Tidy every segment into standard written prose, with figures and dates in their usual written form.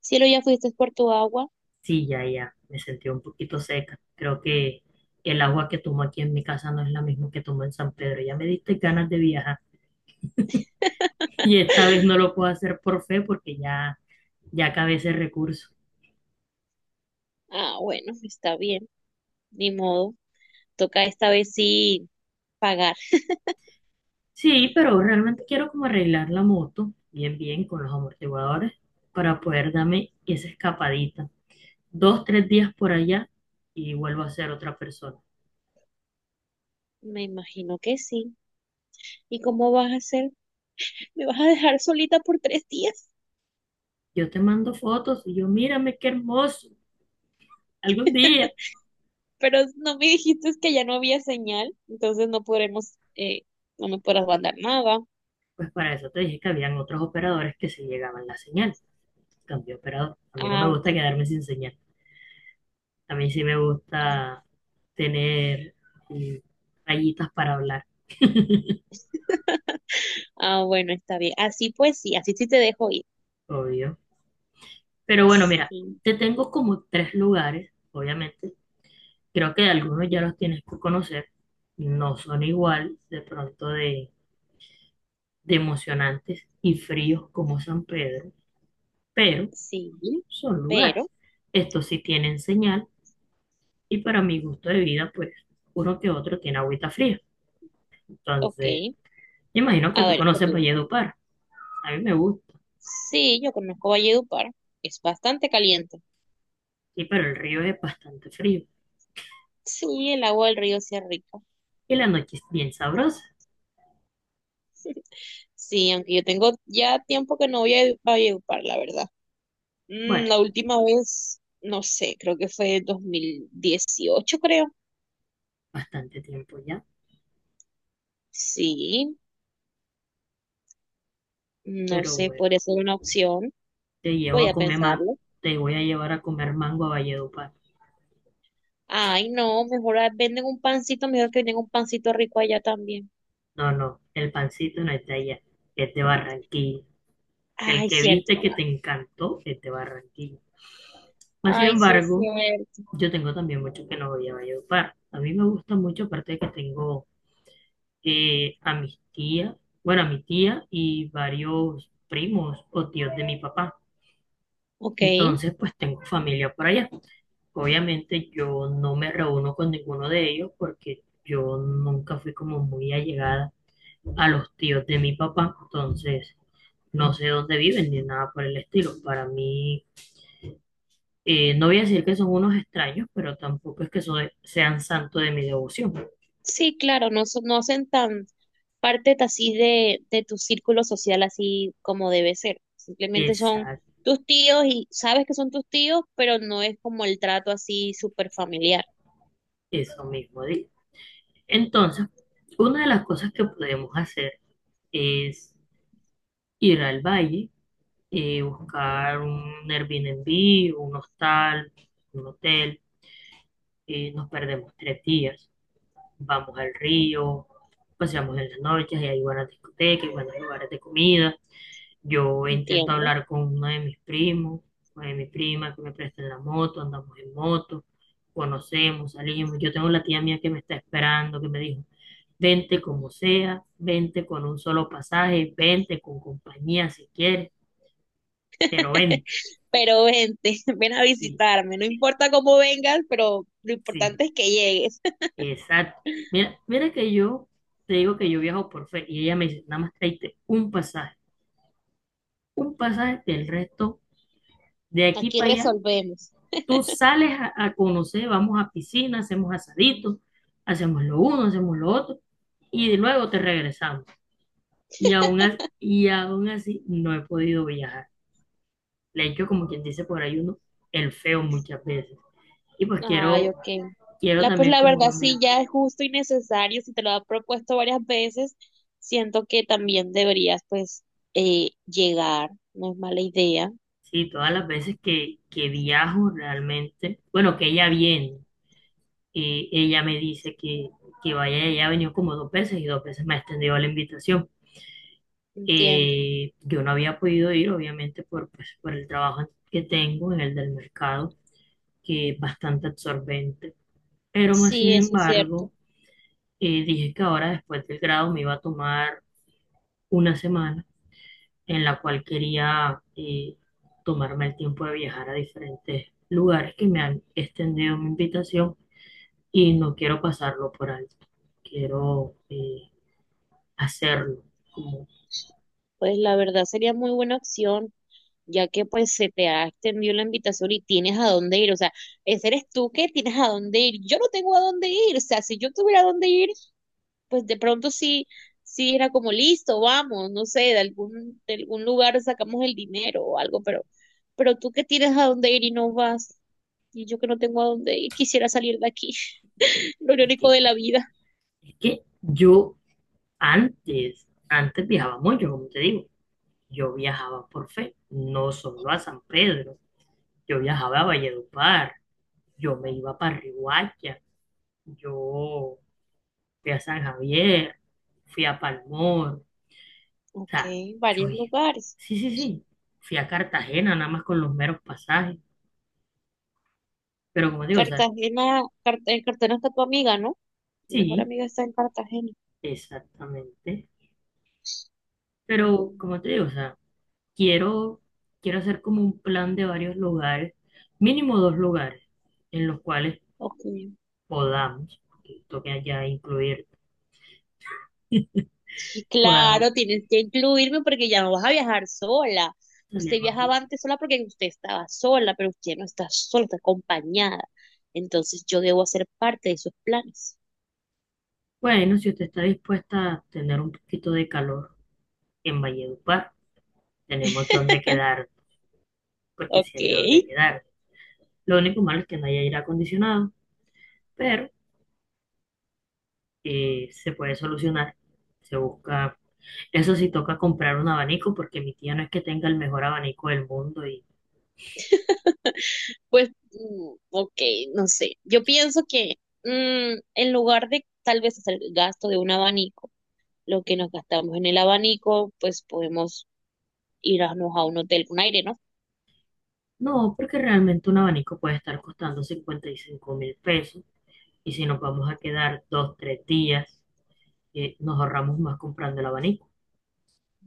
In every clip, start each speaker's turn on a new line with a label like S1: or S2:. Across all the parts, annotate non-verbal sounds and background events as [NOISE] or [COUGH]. S1: Cielo, ya fuiste por tu agua.
S2: Sí, ya, ya, me sentí un poquito seca. Creo que el agua que tomo aquí en mi casa no es la misma que tomo en San Pedro. Ya me diste ganas de viajar. [LAUGHS] Y esta vez no
S1: [LAUGHS]
S2: lo puedo hacer por fe porque ya, ya acabé ese recurso.
S1: Ah, bueno, está bien, ni modo. Toca esta vez sí pagar.
S2: Sí, pero realmente quiero como arreglar la moto bien, bien con los amortiguadores para poder darme esa escapadita. Dos, tres días por allá y vuelvo a ser otra persona.
S1: Me imagino que sí. ¿Y cómo vas a hacer? ¿Me vas a dejar solita por 3 días?
S2: Yo te mando fotos y yo, mírame qué hermoso, algún día.
S1: Pero no me dijiste que ya no había señal, entonces no podremos, no me podrás mandar nada.
S2: Pues para eso te dije que habían otros operadores que sí llegaban la señal. Cambié operador. A mí no
S1: Ah,
S2: me gusta
S1: ok.
S2: quedarme sin señal. A mí sí me gusta tener mm, rayitas para hablar,
S1: Ah, bueno, está bien. Así pues sí, así sí te dejo ir.
S2: obvio. Pero bueno, mira,
S1: Sí,
S2: te tengo como tres lugares, obviamente. Creo que algunos ya los tienes que conocer. No son igual de pronto de emocionantes y fríos como San Pedro, pero
S1: sí,
S2: son lugares.
S1: pero,
S2: Estos sí tienen señal. Y para mi gusto de vida, pues uno que otro tiene agüita fría.
S1: ok.
S2: Entonces, me imagino que
S1: A
S2: tú
S1: ver,
S2: conoces
S1: comienza.
S2: Valledupar. A mí me gusta.
S1: Sí, yo conozco Valledupar. Es bastante caliente.
S2: Sí, pero el río es bastante frío.
S1: Sí, el agua del río sí es rica.
S2: Y la noche es bien sabrosa.
S1: Sí, aunque yo tengo ya tiempo que no voy a Valledupar, la verdad. Mm, la
S2: Bueno,
S1: última vez, no sé, creo que fue 2018, creo.
S2: bastante tiempo ya.
S1: Sí, no
S2: Pero
S1: sé,
S2: bueno,
S1: podría ser una opción.
S2: te llevo
S1: Voy
S2: a
S1: a
S2: comer mango.
S1: pensarlo.
S2: Te voy a llevar a comer mango a Valledupar.
S1: Ay, no, mejor ah, venden un pancito, mejor que venden un pancito rico allá también.
S2: No, no, el pancito no es de allá. Es de Barranquilla. El
S1: Ay,
S2: que viste
S1: cierto.
S2: que te encantó es de Barranquilla. Más sin
S1: Ay, sí es
S2: embargo,
S1: cierto.
S2: yo tengo también mucho que no voy a Valledupar. A mí me gusta mucho, aparte de que tengo a mis tías, bueno, a mi tía y varios primos o tíos de mi papá.
S1: Ok.
S2: Entonces, pues tengo familia por allá. Obviamente yo no me reúno con ninguno de ellos porque yo nunca fui como muy allegada a los tíos de mi papá. Entonces, no sé dónde viven ni nada por el estilo. Para mí, no voy a decir que son unos extraños, pero tampoco es que sean santo de mi devoción.
S1: Sí, claro, no, no hacen tan parte de así de tu círculo social así como debe ser. Simplemente son
S2: Exacto,
S1: tus tíos y sabes que son tus tíos, pero no es como el trato así súper familiar,
S2: eso mismo digo. Entonces, una de las cosas que podemos hacer es ir al valle, buscar un Airbnb, un hostal, un hotel, nos perdemos 3 días, vamos al río, paseamos en las noches y hay buenas discotecas, buenos lugares de comida. Yo intento
S1: entiendo.
S2: hablar con uno de mis primos, una de mis primas que me presten la moto, andamos en moto, conocemos, salimos. Yo tengo la tía mía que me está esperando, que me dijo, vente como sea, vente con un solo pasaje, vente con compañía si quieres, pero vente,
S1: Pero vente, [LAUGHS] ven a
S2: sí,
S1: visitarme, no importa cómo vengas, pero lo
S2: sí,
S1: importante es que llegues.
S2: exacto. Mira, mira que yo te digo que yo viajo por fe y ella me dice, nada más tráete un pasaje del resto de aquí
S1: Aquí
S2: para allá,
S1: resolvemos.
S2: tú sales a conocer, vamos a piscina, hacemos asaditos, hacemos lo uno, hacemos lo otro y luego te regresamos. Y aún así no he podido viajar. Le he hecho como quien dice por ahí uno, el feo muchas veces. Y pues
S1: Ay,
S2: quiero,
S1: ok.
S2: quiero
S1: La, pues
S2: también
S1: la
S2: como
S1: verdad
S2: cambiar.
S1: sí, ya es justo y necesario, si te lo ha propuesto varias veces, siento que también deberías pues llegar, no es mala idea,
S2: Sí, todas las veces que viajo realmente, bueno, que ella viene, ella me dice que vaya, ella ha venido como dos veces y dos veces me ha extendido la invitación.
S1: entiendo.
S2: Yo no había podido ir, obviamente, por, pues, por el trabajo que tengo en el del mercado, que es bastante absorbente. Pero más
S1: Sí,
S2: sin
S1: eso es cierto.
S2: embargo, dije que ahora después del grado me iba a tomar una semana en la cual quería tomarme el tiempo de viajar a diferentes lugares que me han extendido mi invitación y no quiero pasarlo por alto. Quiero hacerlo. Como,
S1: Pues la verdad sería muy buena opción, ya que pues se te ha extendido la invitación y tienes a dónde ir, o sea, ese eres tú que tienes a dónde ir, yo no tengo a dónde ir, o sea, si yo tuviera a dónde ir, pues de pronto sí, sí era como listo, vamos, no sé, de algún lugar sacamos el dinero o algo, pero tú que tienes a dónde ir y no vas, y yo que no tengo a dónde ir, quisiera salir de aquí, [LAUGHS] lo
S2: es
S1: irónico
S2: que,
S1: de la vida.
S2: es que yo antes viajaba mucho, como te digo. Yo viajaba por fe, no solo a San Pedro. Yo viajaba a Valledupar, yo me iba para Riguacha, yo fui a San Javier, fui a Palmor. O
S1: Ok,
S2: sea, yo
S1: varios
S2: dije,
S1: lugares.
S2: sí, sí, sí, fui a Cartagena nada más con los meros pasajes, pero como te digo, o sea,
S1: Cartagena, Cartagena, Cartagena está tu amiga, ¿no? Tu mejor
S2: sí,
S1: amiga está en Cartagena.
S2: exactamente, pero
S1: Mm,
S2: como te digo, o sea, quiero, quiero hacer como un plan de varios lugares, mínimo dos lugares en los cuales
S1: ok.
S2: podamos, porque toque ya incluir,
S1: Sí,
S2: podamos
S1: claro, tienes que incluirme porque ya no vas a viajar sola. Usted
S2: salir más
S1: viajaba
S2: barato.
S1: antes sola porque usted estaba sola, pero usted no está sola, está acompañada. Entonces yo debo hacer parte de sus planes.
S2: Bueno, si usted está dispuesta a tener un poquito de calor en Valledupar, tenemos donde quedar, porque
S1: Ok,
S2: si hay donde quedar. Lo único malo es que no hay aire acondicionado, pero se puede solucionar. Se busca, eso sí toca comprar un abanico porque mi tía no es que tenga el mejor abanico del mundo y
S1: [LAUGHS] pues, ok, no sé. Yo pienso que en lugar de tal vez hacer gasto de un abanico, lo que nos gastamos en el abanico, pues podemos irnos a un hotel con aire, ¿no?
S2: no, porque realmente un abanico puede estar costando 55.000 pesos y si nos vamos a quedar dos, tres días, nos ahorramos más comprando el abanico.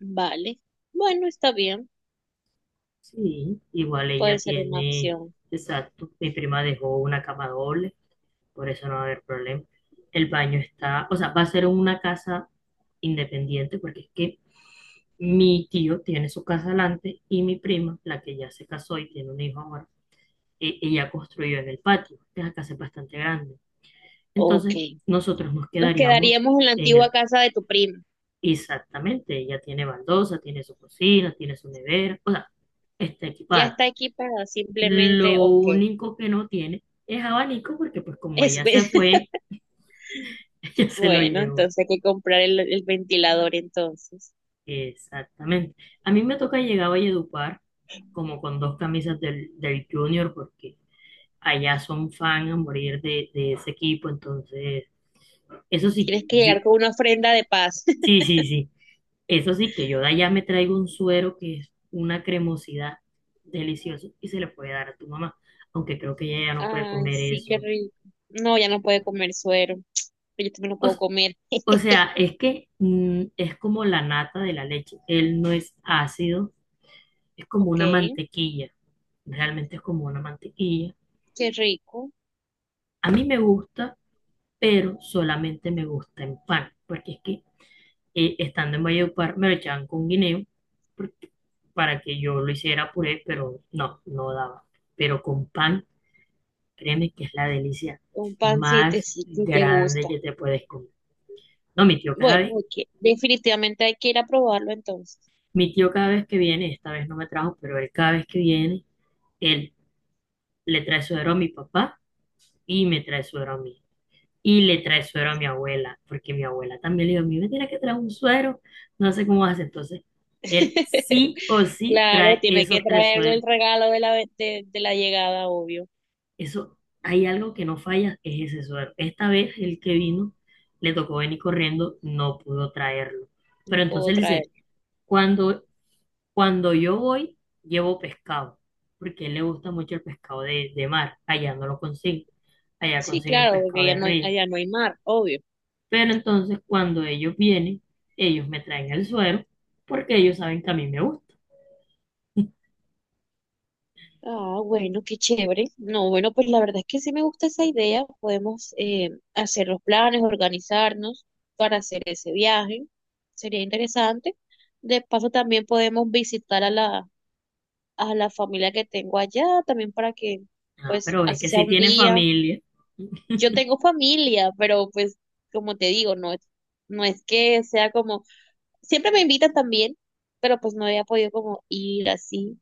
S1: Vale. Bueno, está bien,
S2: Sí, igual
S1: puede
S2: ella
S1: ser una
S2: tiene,
S1: opción.
S2: exacto, mi prima dejó una cama doble, por eso no va a haber problema. El baño está, o sea, va a ser una casa independiente porque es que mi tío tiene su casa adelante y mi prima, la que ya se casó y tiene un hijo ahora, ella construyó en el patio. Esa casa es bastante grande.
S1: Ok.
S2: Entonces, nosotros nos
S1: Nos
S2: quedaríamos
S1: quedaríamos en la
S2: en
S1: antigua
S2: el.
S1: casa de tu prima.
S2: Exactamente, ella tiene baldosa, tiene su cocina, tiene su nevera, o sea, está
S1: Ya
S2: equipada.
S1: está equipada, simplemente,
S2: Lo
S1: ok.
S2: único que no tiene es abanico porque pues como
S1: Es,
S2: ella se
S1: [LAUGHS]
S2: fue, [LAUGHS] ella se lo
S1: bueno,
S2: llevó.
S1: entonces hay que comprar el ventilador entonces.
S2: Exactamente. A mí me toca llegar a Valledupar como con dos camisas del Junior porque allá son fan a morir de ese equipo, entonces, eso sí,
S1: Tienes que
S2: yo,
S1: llegar con una ofrenda de paz. [LAUGHS]
S2: sí, sí, sí, eso sí, que yo de allá me traigo un suero que es una cremosidad deliciosa y se le puede dar a tu mamá, aunque creo que ella ya no puede
S1: Ay,
S2: comer
S1: sí, qué
S2: eso.
S1: rico. No, ya no puede comer suero. [TSK] Pero yo también lo
S2: O,
S1: puedo
S2: s-
S1: comer.
S2: o sea, es que es como la nata de la leche, él no es ácido, es como
S1: Ok,
S2: una mantequilla, realmente es como una mantequilla.
S1: qué rico.
S2: A mí me gusta, pero solamente me gusta en pan, porque es que estando en Valledupar, me lo echaban con guineo porque- para que yo lo hiciera puré, pero no, no daba. Pero con pan, créeme que es la delicia
S1: Un pancito,
S2: más
S1: sí, sí te
S2: grande
S1: gusta.
S2: que te puedes comer. No, mi tío cada
S1: Bueno,
S2: vez,
S1: ok. Definitivamente hay que ir a probarlo entonces.
S2: mi tío cada vez que viene, esta vez no me trajo, pero él cada vez que viene, él le trae suero a mi papá y me trae suero a mí. Y le trae suero a mi abuela, porque mi abuela también le dijo, a mí me tiene que traer un suero, no sé cómo hace. Entonces, él
S1: [LAUGHS]
S2: sí o sí
S1: Claro,
S2: trae
S1: tiene que
S2: esos tres
S1: traerle el
S2: sueros.
S1: regalo de la, de la llegada, obvio.
S2: Eso, hay algo que no falla, es ese suero. Esta vez el que vino le tocó venir corriendo, no pudo traerlo.
S1: No
S2: Pero entonces
S1: puedo
S2: él
S1: traer.
S2: dice, cuando, cuando yo voy, llevo pescado, porque a él le gusta mucho el pescado de mar, allá no lo consiguen, allá
S1: Sí,
S2: consiguen
S1: claro,
S2: pescado
S1: porque ya
S2: de
S1: no hay,
S2: río.
S1: allá no hay mar, obvio.
S2: Pero entonces cuando ellos vienen, ellos me traen el suero, porque ellos saben que a mí me gusta.
S1: Ah, bueno, qué chévere. No, bueno, pues la verdad es que sí me gusta esa idea. Podemos hacer los planes, organizarnos para hacer ese viaje. Sería interesante. De paso, también podemos visitar a la familia que tengo allá, también para que,
S2: Ah,
S1: pues,
S2: pero es
S1: así
S2: que
S1: sea
S2: si
S1: un
S2: tiene
S1: día.
S2: familia.
S1: Yo tengo familia, pero pues, como te digo, no es, no es que sea como siempre me invitan también, pero pues no había podido como ir así.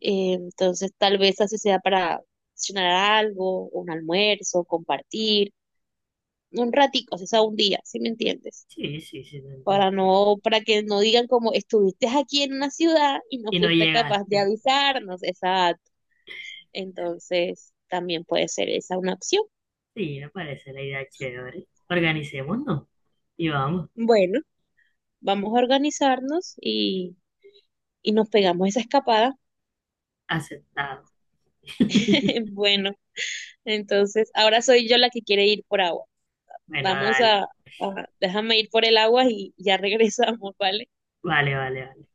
S1: Entonces tal vez así sea para cenar algo, un almuerzo, compartir, un ratico, o sea, un día, ¿si me entiendes?
S2: Sí, sí, sí, te
S1: Para
S2: entiendo.
S1: no, para que no digan como estuviste aquí en una ciudad y no
S2: Y no
S1: fuiste capaz de
S2: llegaste.
S1: avisarnos, exacto. Entonces también puede ser esa una opción.
S2: Sí, me parece la idea chévere. Organicémonos y vamos,
S1: Bueno, vamos a organizarnos y nos pegamos esa escapada.
S2: aceptado. [LAUGHS]
S1: [LAUGHS] Bueno, entonces ahora soy yo la que quiere ir por agua.
S2: Bueno,
S1: Vamos
S2: dale,
S1: a, Déjame ir por el agua y ya regresamos, [LAUGHS] ¿vale?
S2: vale, vale, vale.